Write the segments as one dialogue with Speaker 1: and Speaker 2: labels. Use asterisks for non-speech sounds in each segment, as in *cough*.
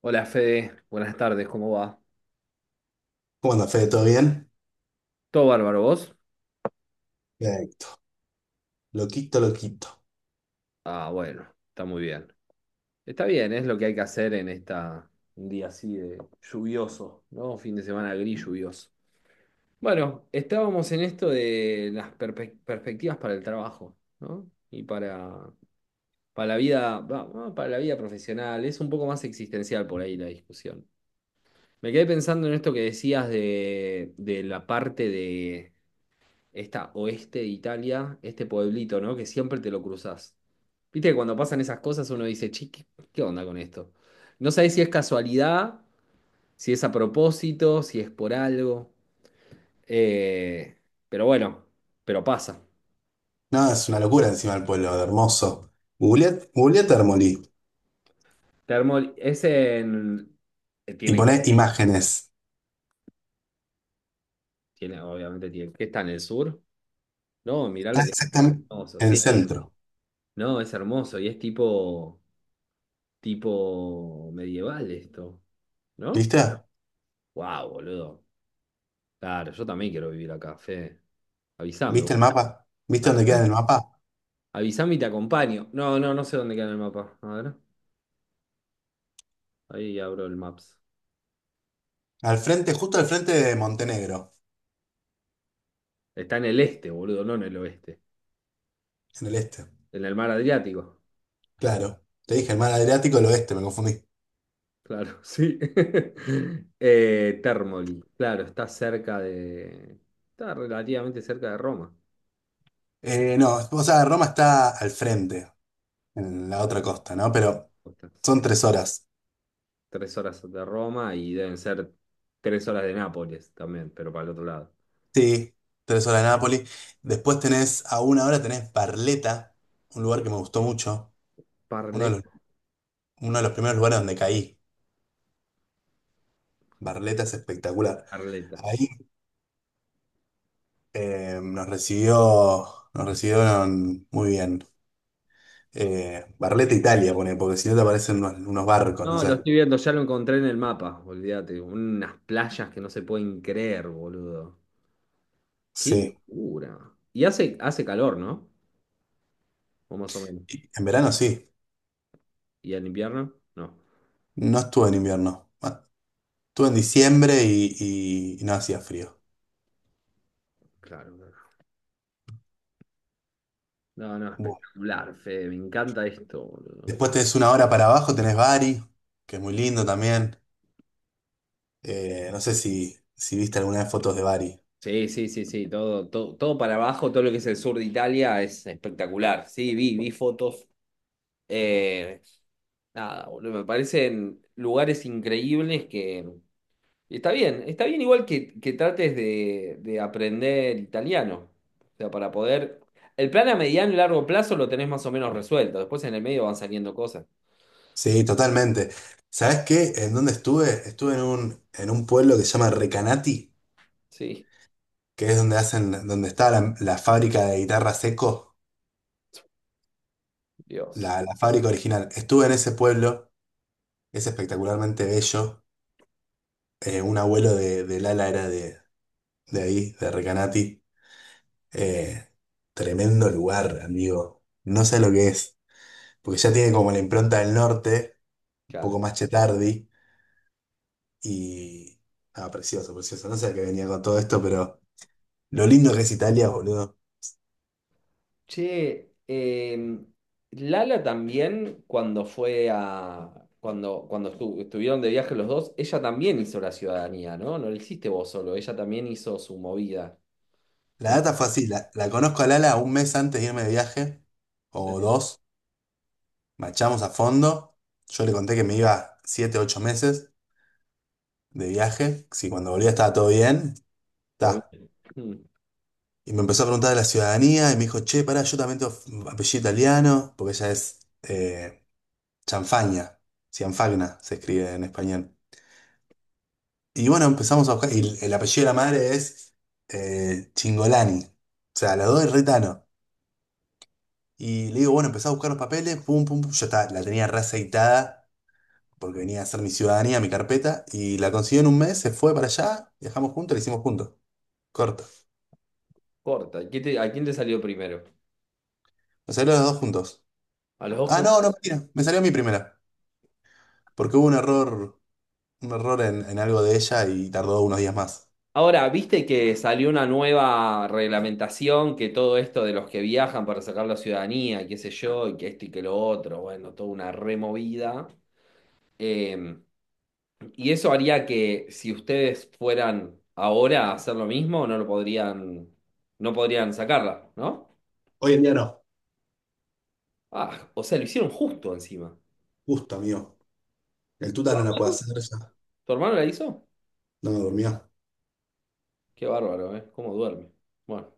Speaker 1: Hola Fede, buenas tardes, ¿cómo va?
Speaker 2: ¿Cómo anda, Fede? ¿Todo bien?
Speaker 1: ¿Todo bárbaro vos?
Speaker 2: Bien. Loquito, loquito.
Speaker 1: Ah, bueno, está muy bien. Está bien, es lo que hay que hacer en un día así de lluvioso, ¿no? Fin de semana gris lluvioso. Bueno, estábamos en esto de las perspectivas para el trabajo, ¿no? Y para la vida, para la vida profesional. Es un poco más existencial por ahí la discusión. Me quedé pensando en esto que decías de la parte de esta oeste de Italia, este pueblito, ¿no? Que siempre te lo cruzás. Viste que cuando pasan esas cosas uno dice, che, ¿qué onda con esto? No sabés si es casualidad, si es a propósito, si es por algo. Eh, pero bueno, pero pasa.
Speaker 2: No, es una locura encima del pueblo, de hermoso. Googleé Termolí
Speaker 1: Es en...
Speaker 2: y
Speaker 1: tiene,
Speaker 2: poné imágenes.
Speaker 1: tiene, obviamente tiene. ¿Qué está en el sur? No, mirá lo
Speaker 2: Está
Speaker 1: que es
Speaker 2: exactamente
Speaker 1: hermoso.
Speaker 2: en el
Speaker 1: Sí,
Speaker 2: centro.
Speaker 1: no, es hermoso y es tipo medieval esto, ¿no?
Speaker 2: ¿Viste?
Speaker 1: Wow, boludo. Claro, yo también quiero vivir acá, Fede. Avísame vos.
Speaker 2: ¿Viste el mapa? ¿Viste dónde queda en
Speaker 1: Avísame
Speaker 2: el mapa?
Speaker 1: Avísame y te acompaño. No, no, no sé dónde queda en el mapa. A ver, ahí abro el Maps.
Speaker 2: Al frente, justo al frente de Montenegro,
Speaker 1: Está en el este, boludo, no en el oeste.
Speaker 2: en el este.
Speaker 1: En el mar Adriático.
Speaker 2: Claro. Te dije el mar Adriático, el oeste, me confundí.
Speaker 1: Claro, sí. *laughs* Termoli. Claro, está cerca de... Está relativamente cerca de Roma.
Speaker 2: No, o sea, Roma está al frente, en la otra costa, ¿no? Pero
Speaker 1: O está, sí.
Speaker 2: son tres horas.
Speaker 1: 3 horas de Roma y deben ser 3 horas de Nápoles también, pero para el otro lado.
Speaker 2: Sí, tres horas de Nápoles. Después tenés, a una hora tenés Barletta, un lugar que me gustó mucho, uno de los,
Speaker 1: Parleta,
Speaker 2: uno de los primeros lugares donde caí. Barletta es espectacular.
Speaker 1: Parleta.
Speaker 2: Ahí eh, nos recibió, nos recibieron muy bien. Barletta Italia, pone, porque si no te aparecen unos barcos, no
Speaker 1: No, lo
Speaker 2: sé.
Speaker 1: estoy viendo, ya lo encontré en el mapa, olvídate. Unas playas que no se pueden creer, boludo. Qué
Speaker 2: Sí.
Speaker 1: locura. Y hace calor, ¿no? O más o menos.
Speaker 2: Y en verano sí.
Speaker 1: ¿Y en invierno? No.
Speaker 2: No estuve en invierno. Ah, estuve en diciembre y, y no hacía frío.
Speaker 1: Claro, no, no, no,
Speaker 2: Bueno.
Speaker 1: espectacular, Fede, me encanta esto, boludo.
Speaker 2: Después tenés una hora para abajo, tenés Bari, que es muy lindo también. No sé si, si viste alguna de fotos de Bari.
Speaker 1: Sí, sí, sí, sí, todo, todo, todo para abajo, todo lo que es el sur de Italia es espectacular. Sí, vi fotos. Eh, Nada, boludo, me parecen lugares increíbles que. Y está bien, está bien igual que trates de aprender italiano. O sea, para poder... El plan a mediano y largo plazo lo tenés más o menos resuelto. Después en el medio van saliendo cosas.
Speaker 2: Sí, totalmente. ¿Sabes qué? ¿En dónde estuve? Estuve en un pueblo que se llama Recanati,
Speaker 1: Sí.
Speaker 2: que es donde hacen, donde está la fábrica de guitarra Seco,
Speaker 1: *laughs* Dios,
Speaker 2: la fábrica original. Estuve en ese pueblo, es espectacularmente bello. Un abuelo de Lala era de ahí, de Recanati. Eh, Tremendo lugar, amigo. No sé lo que es, porque ya tiene como la impronta del norte, un poco
Speaker 1: claro.
Speaker 2: más chetardi. Y. Ah, precioso, precioso. No sé a qué venía con todo esto, pero lo lindo que es Italia, boludo.
Speaker 1: Che, Lala también cuando fue a... Cuando estuvieron de viaje los dos, ella también hizo la ciudadanía, ¿no? No lo hiciste vos solo, ella también hizo su movida.
Speaker 2: La
Speaker 1: No,
Speaker 2: data fue así: la conozco a Lala un mes antes de irme de viaje, o
Speaker 1: sí,
Speaker 2: dos. Machamos a fondo. Yo le conté que me iba siete, ocho meses de viaje. Si cuando volvía estaba todo bien.
Speaker 1: todo
Speaker 2: Ta.
Speaker 1: bien. Mm.
Speaker 2: Y me empezó a preguntar de la ciudadanía y me dijo: Che, pará, yo también tengo apellido italiano, porque ella es Chanfagna. Cianfagna se escribe en español. Y bueno, empezamos a buscar. Y el apellido de la madre es Chingolani. O sea, la dos es retano. Y le digo, bueno, empecé a buscar los papeles, pum, pum, pum. Ya está, la tenía reaceitada porque venía a hacer mi ciudadanía, mi carpeta. Y la consiguió en un mes, se fue para allá, viajamos juntos, la hicimos juntos. Corto.
Speaker 1: Corta. ¿A quién te salió primero?
Speaker 2: Nos salió los dos juntos.
Speaker 1: ¿A los dos?
Speaker 2: Ah, no, no, mentira. Me salió mi primera. Porque hubo un error en algo de ella y tardó unos días más.
Speaker 1: Ahora, viste que salió una nueva reglamentación que todo esto de los que viajan para sacar la ciudadanía, y qué sé yo, y que esto y que lo otro, bueno, toda una removida. Eh, y eso haría que si ustedes fueran ahora a hacer lo mismo, no lo podrían, no podrían sacarla, ¿no?
Speaker 2: Hoy en día no.
Speaker 1: Ah, o sea, lo hicieron justo encima.
Speaker 2: Justo, amigo. El tuta no la puede hacer ya.
Speaker 1: ¿Tu hermano la hizo?
Speaker 2: No me durmió.
Speaker 1: Qué bárbaro, ¿eh? ¿Cómo duerme? Bueno.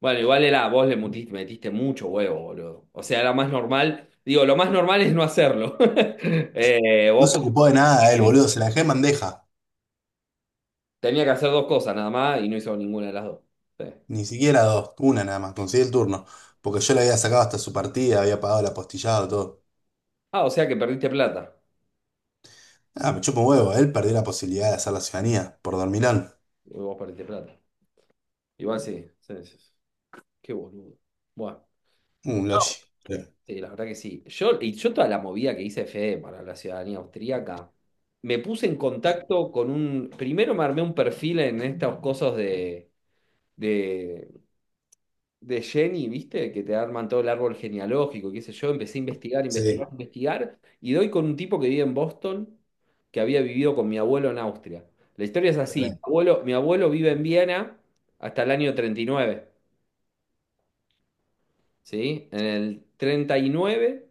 Speaker 1: Bueno, igual era, vos le metiste mucho huevo, boludo. O sea, era más normal. Digo, lo más normal es no hacerlo. *laughs* Eh,
Speaker 2: No
Speaker 1: vos
Speaker 2: se ocupó de nada él,
Speaker 1: podés-
Speaker 2: boludo. Se la dejé en bandeja.
Speaker 1: Tenía que hacer dos cosas nada más y no hizo ninguna de las dos. Sí.
Speaker 2: Ni siquiera dos. Una nada más. Conseguí el turno. Porque yo le había sacado hasta su partida, había pagado el apostillado, todo.
Speaker 1: Ah, o sea que perdiste plata.
Speaker 2: Ah, me chupa un huevo. Él perdió la posibilidad de hacer la ciudadanía por dormilón.
Speaker 1: Vos perdiste plata. Igual sí, sí, sí, sí. Qué boludo. Bueno,
Speaker 2: Un logi. Sí,
Speaker 1: sí, la verdad que sí. Y yo toda la movida que hice fe para la ciudadanía austríaca, me puse en contacto con un. Primero me armé un perfil en estas cosas de de Jenny, ¿viste? Que te arman todo el árbol genealógico, qué sé yo. Empecé a investigar, investigar,
Speaker 2: sí,
Speaker 1: investigar. Y doy con un tipo que vive en Boston, que había vivido con mi abuelo en Austria. La historia es así. Mi
Speaker 2: también.
Speaker 1: abuelo, mi abuelo vive en Viena hasta el año 39, ¿sí? En el 39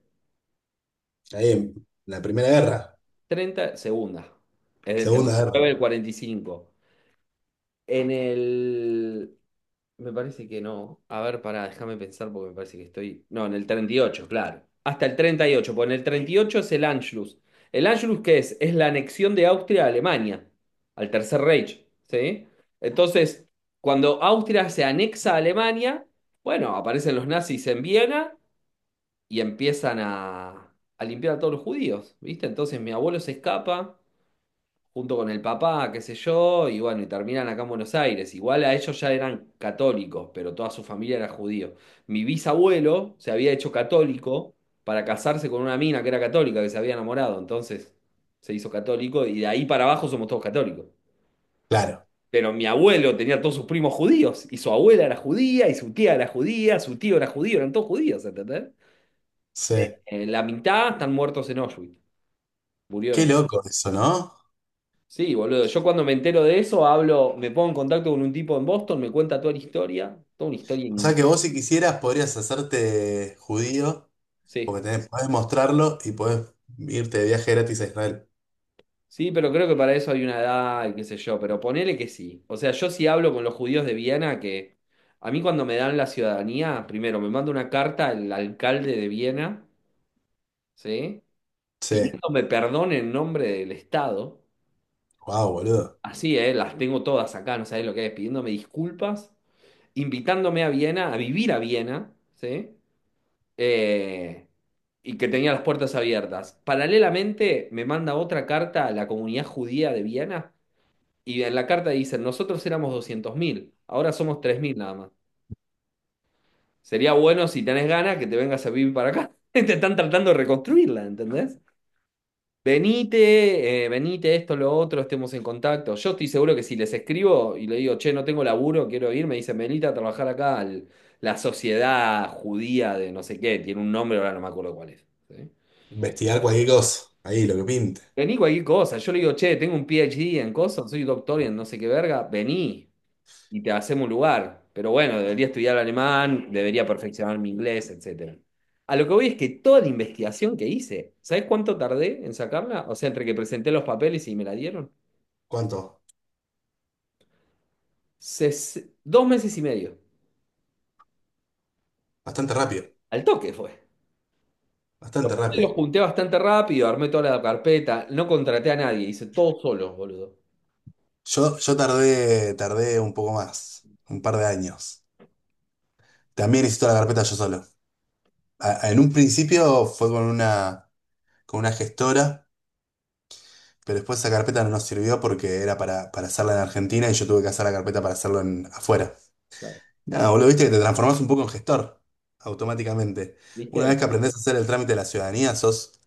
Speaker 2: Ahí en la primera guerra.
Speaker 1: 30 segunda. Es del treinta y
Speaker 2: Segunda
Speaker 1: nueve
Speaker 2: guerra.
Speaker 1: al 45. En el Me parece que no. A ver, pará, déjame pensar porque me parece que estoy. No, en el 38 claro. Hasta el 38 porque en el 38 es el Anschluss. ¿El Anschluss qué es? Es la anexión de Austria a Alemania, al Tercer Reich, ¿sí? Entonces, cuando Austria se anexa a Alemania, bueno, aparecen los nazis en Viena y empiezan a limpiar a todos los judíos, ¿viste? Entonces mi abuelo se escapa, junto con el papá, qué sé yo, y bueno, y terminan acá en Buenos Aires. Igual a ellos ya eran católicos, pero toda su familia era judío. Mi bisabuelo se había hecho católico para casarse con una mina que era católica, que se había enamorado, entonces se hizo católico y de ahí para abajo somos todos católicos.
Speaker 2: Claro.
Speaker 1: Pero mi abuelo tenía todos sus primos judíos, y su abuela era judía, y su tía era judía, su tío era judío, eran todos judíos, ¿entendés?
Speaker 2: Sí.
Speaker 1: La mitad están muertos en Auschwitz, murieron
Speaker 2: Qué
Speaker 1: en...
Speaker 2: loco eso, ¿no?
Speaker 1: Sí, boludo. Yo cuando me entero de eso, hablo, me pongo en contacto con un tipo en Boston, me cuenta toda la historia. Toda una historia.
Speaker 2: O sea que vos si quisieras podrías hacerte judío,
Speaker 1: Sí,
Speaker 2: porque tenés, podés mostrarlo y podés irte de viaje gratis a Israel.
Speaker 1: sí, pero creo que para eso hay una edad y qué sé yo. Pero ponele que sí. O sea, yo sí hablo con los judíos de Viena, que a mí cuando me dan la ciudadanía, primero me manda una carta el alcalde de Viena, ¿sí?
Speaker 2: Sí.
Speaker 1: Pidiéndome perdón en nombre del Estado.
Speaker 2: Wow, boludo.
Speaker 1: Así, ¿eh? Las tengo todas acá, no sabés lo que es. Pidiéndome disculpas, invitándome a Viena, a vivir a Viena, ¿sí? eh, y que tenía las puertas abiertas. Paralelamente, me manda otra carta a la comunidad judía de Viena, y en la carta dicen, nosotros éramos 200.000, ahora somos 3.000 nada más. Sería bueno si tenés ganas que te vengas a vivir para acá. *laughs* Te están tratando de reconstruirla, ¿entendés? Venite, venite, esto, lo otro, estemos en contacto. Yo estoy seguro que si les escribo y le digo, che, no tengo laburo, quiero ir, me dicen, venite a trabajar acá la sociedad judía de no sé qué, tiene un nombre, ahora no me acuerdo cuál es, ¿sí?
Speaker 2: Investigar cualquier cosa. Ahí, lo que pinte.
Speaker 1: Vení cualquier cosa. Yo le digo, che, tengo un PhD en cosas, soy doctor en no sé qué verga, vení y te hacemos un lugar. Pero bueno, debería estudiar alemán, debería perfeccionar mi inglés, etcétera. A lo que voy es que toda la investigación que hice, ¿sabés cuánto tardé en sacarla? O sea, entre que presenté los papeles y me la dieron.
Speaker 2: ¿Cuánto?
Speaker 1: 2 meses y medio.
Speaker 2: Bastante rápido.
Speaker 1: Al toque fue. Los
Speaker 2: Bastante
Speaker 1: papeles
Speaker 2: rápido.
Speaker 1: los junté bastante rápido, armé toda la carpeta, no contraté a nadie, hice todo solo, boludo.
Speaker 2: Yo tardé, tardé un poco más. Un par de años. También hice toda la carpeta yo solo. A- en un principio fue con una gestora, pero después esa carpeta no nos sirvió porque era para hacerla en Argentina y yo tuve que hacer la carpeta para hacerlo en, afuera.
Speaker 1: Claro.
Speaker 2: Nada, boludo, viste que te transformás un poco en gestor. Automáticamente. Una
Speaker 1: ¿Viste?
Speaker 2: vez que aprendés a hacer el trámite de la ciudadanía, sos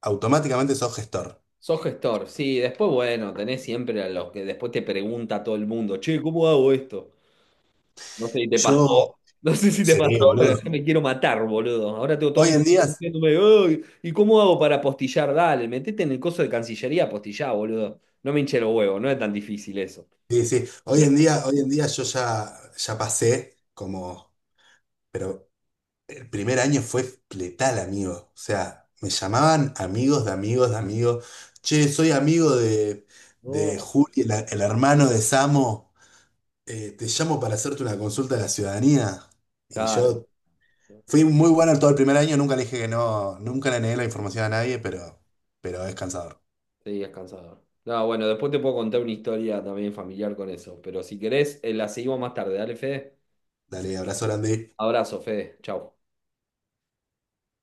Speaker 2: automáticamente sos gestor.
Speaker 1: Sos gestor, sí, después bueno, tenés siempre a los que después te pregunta todo el mundo, che, ¿cómo hago esto? No sé si te
Speaker 2: Yo,
Speaker 1: pasó, *laughs* no sé si te
Speaker 2: sí,
Speaker 1: pasó, pero yo
Speaker 2: boludo.
Speaker 1: me quiero matar, boludo. Ahora tengo todos
Speaker 2: Hoy
Speaker 1: mis...
Speaker 2: en día,
Speaker 1: diciéndome: "Ay, ¿y cómo hago para apostillar?". Dale, metete en el coso de Cancillería, apostillá, boludo. No me hinche los huevos, no es tan difícil eso.
Speaker 2: sí, sí, hoy en día yo ya, ya pasé como, pero el primer año fue letal, amigo. O sea, me llamaban amigos de amigos de amigos. Che, soy amigo de
Speaker 1: No,
Speaker 2: Juli, el hermano de Samo. Te llamo para hacerte una consulta de la ciudadanía. Y
Speaker 1: claro,
Speaker 2: yo fui muy bueno todo el primer año, nunca le dije que no, nunca le negué la información a nadie, pero es cansador.
Speaker 1: sí, es cansador. No, bueno, después te puedo contar una historia también familiar con eso, pero si querés, la seguimos más tarde. Dale, Fede.
Speaker 2: Dale, abrazo grande.
Speaker 1: Abrazo, Fede. Chau.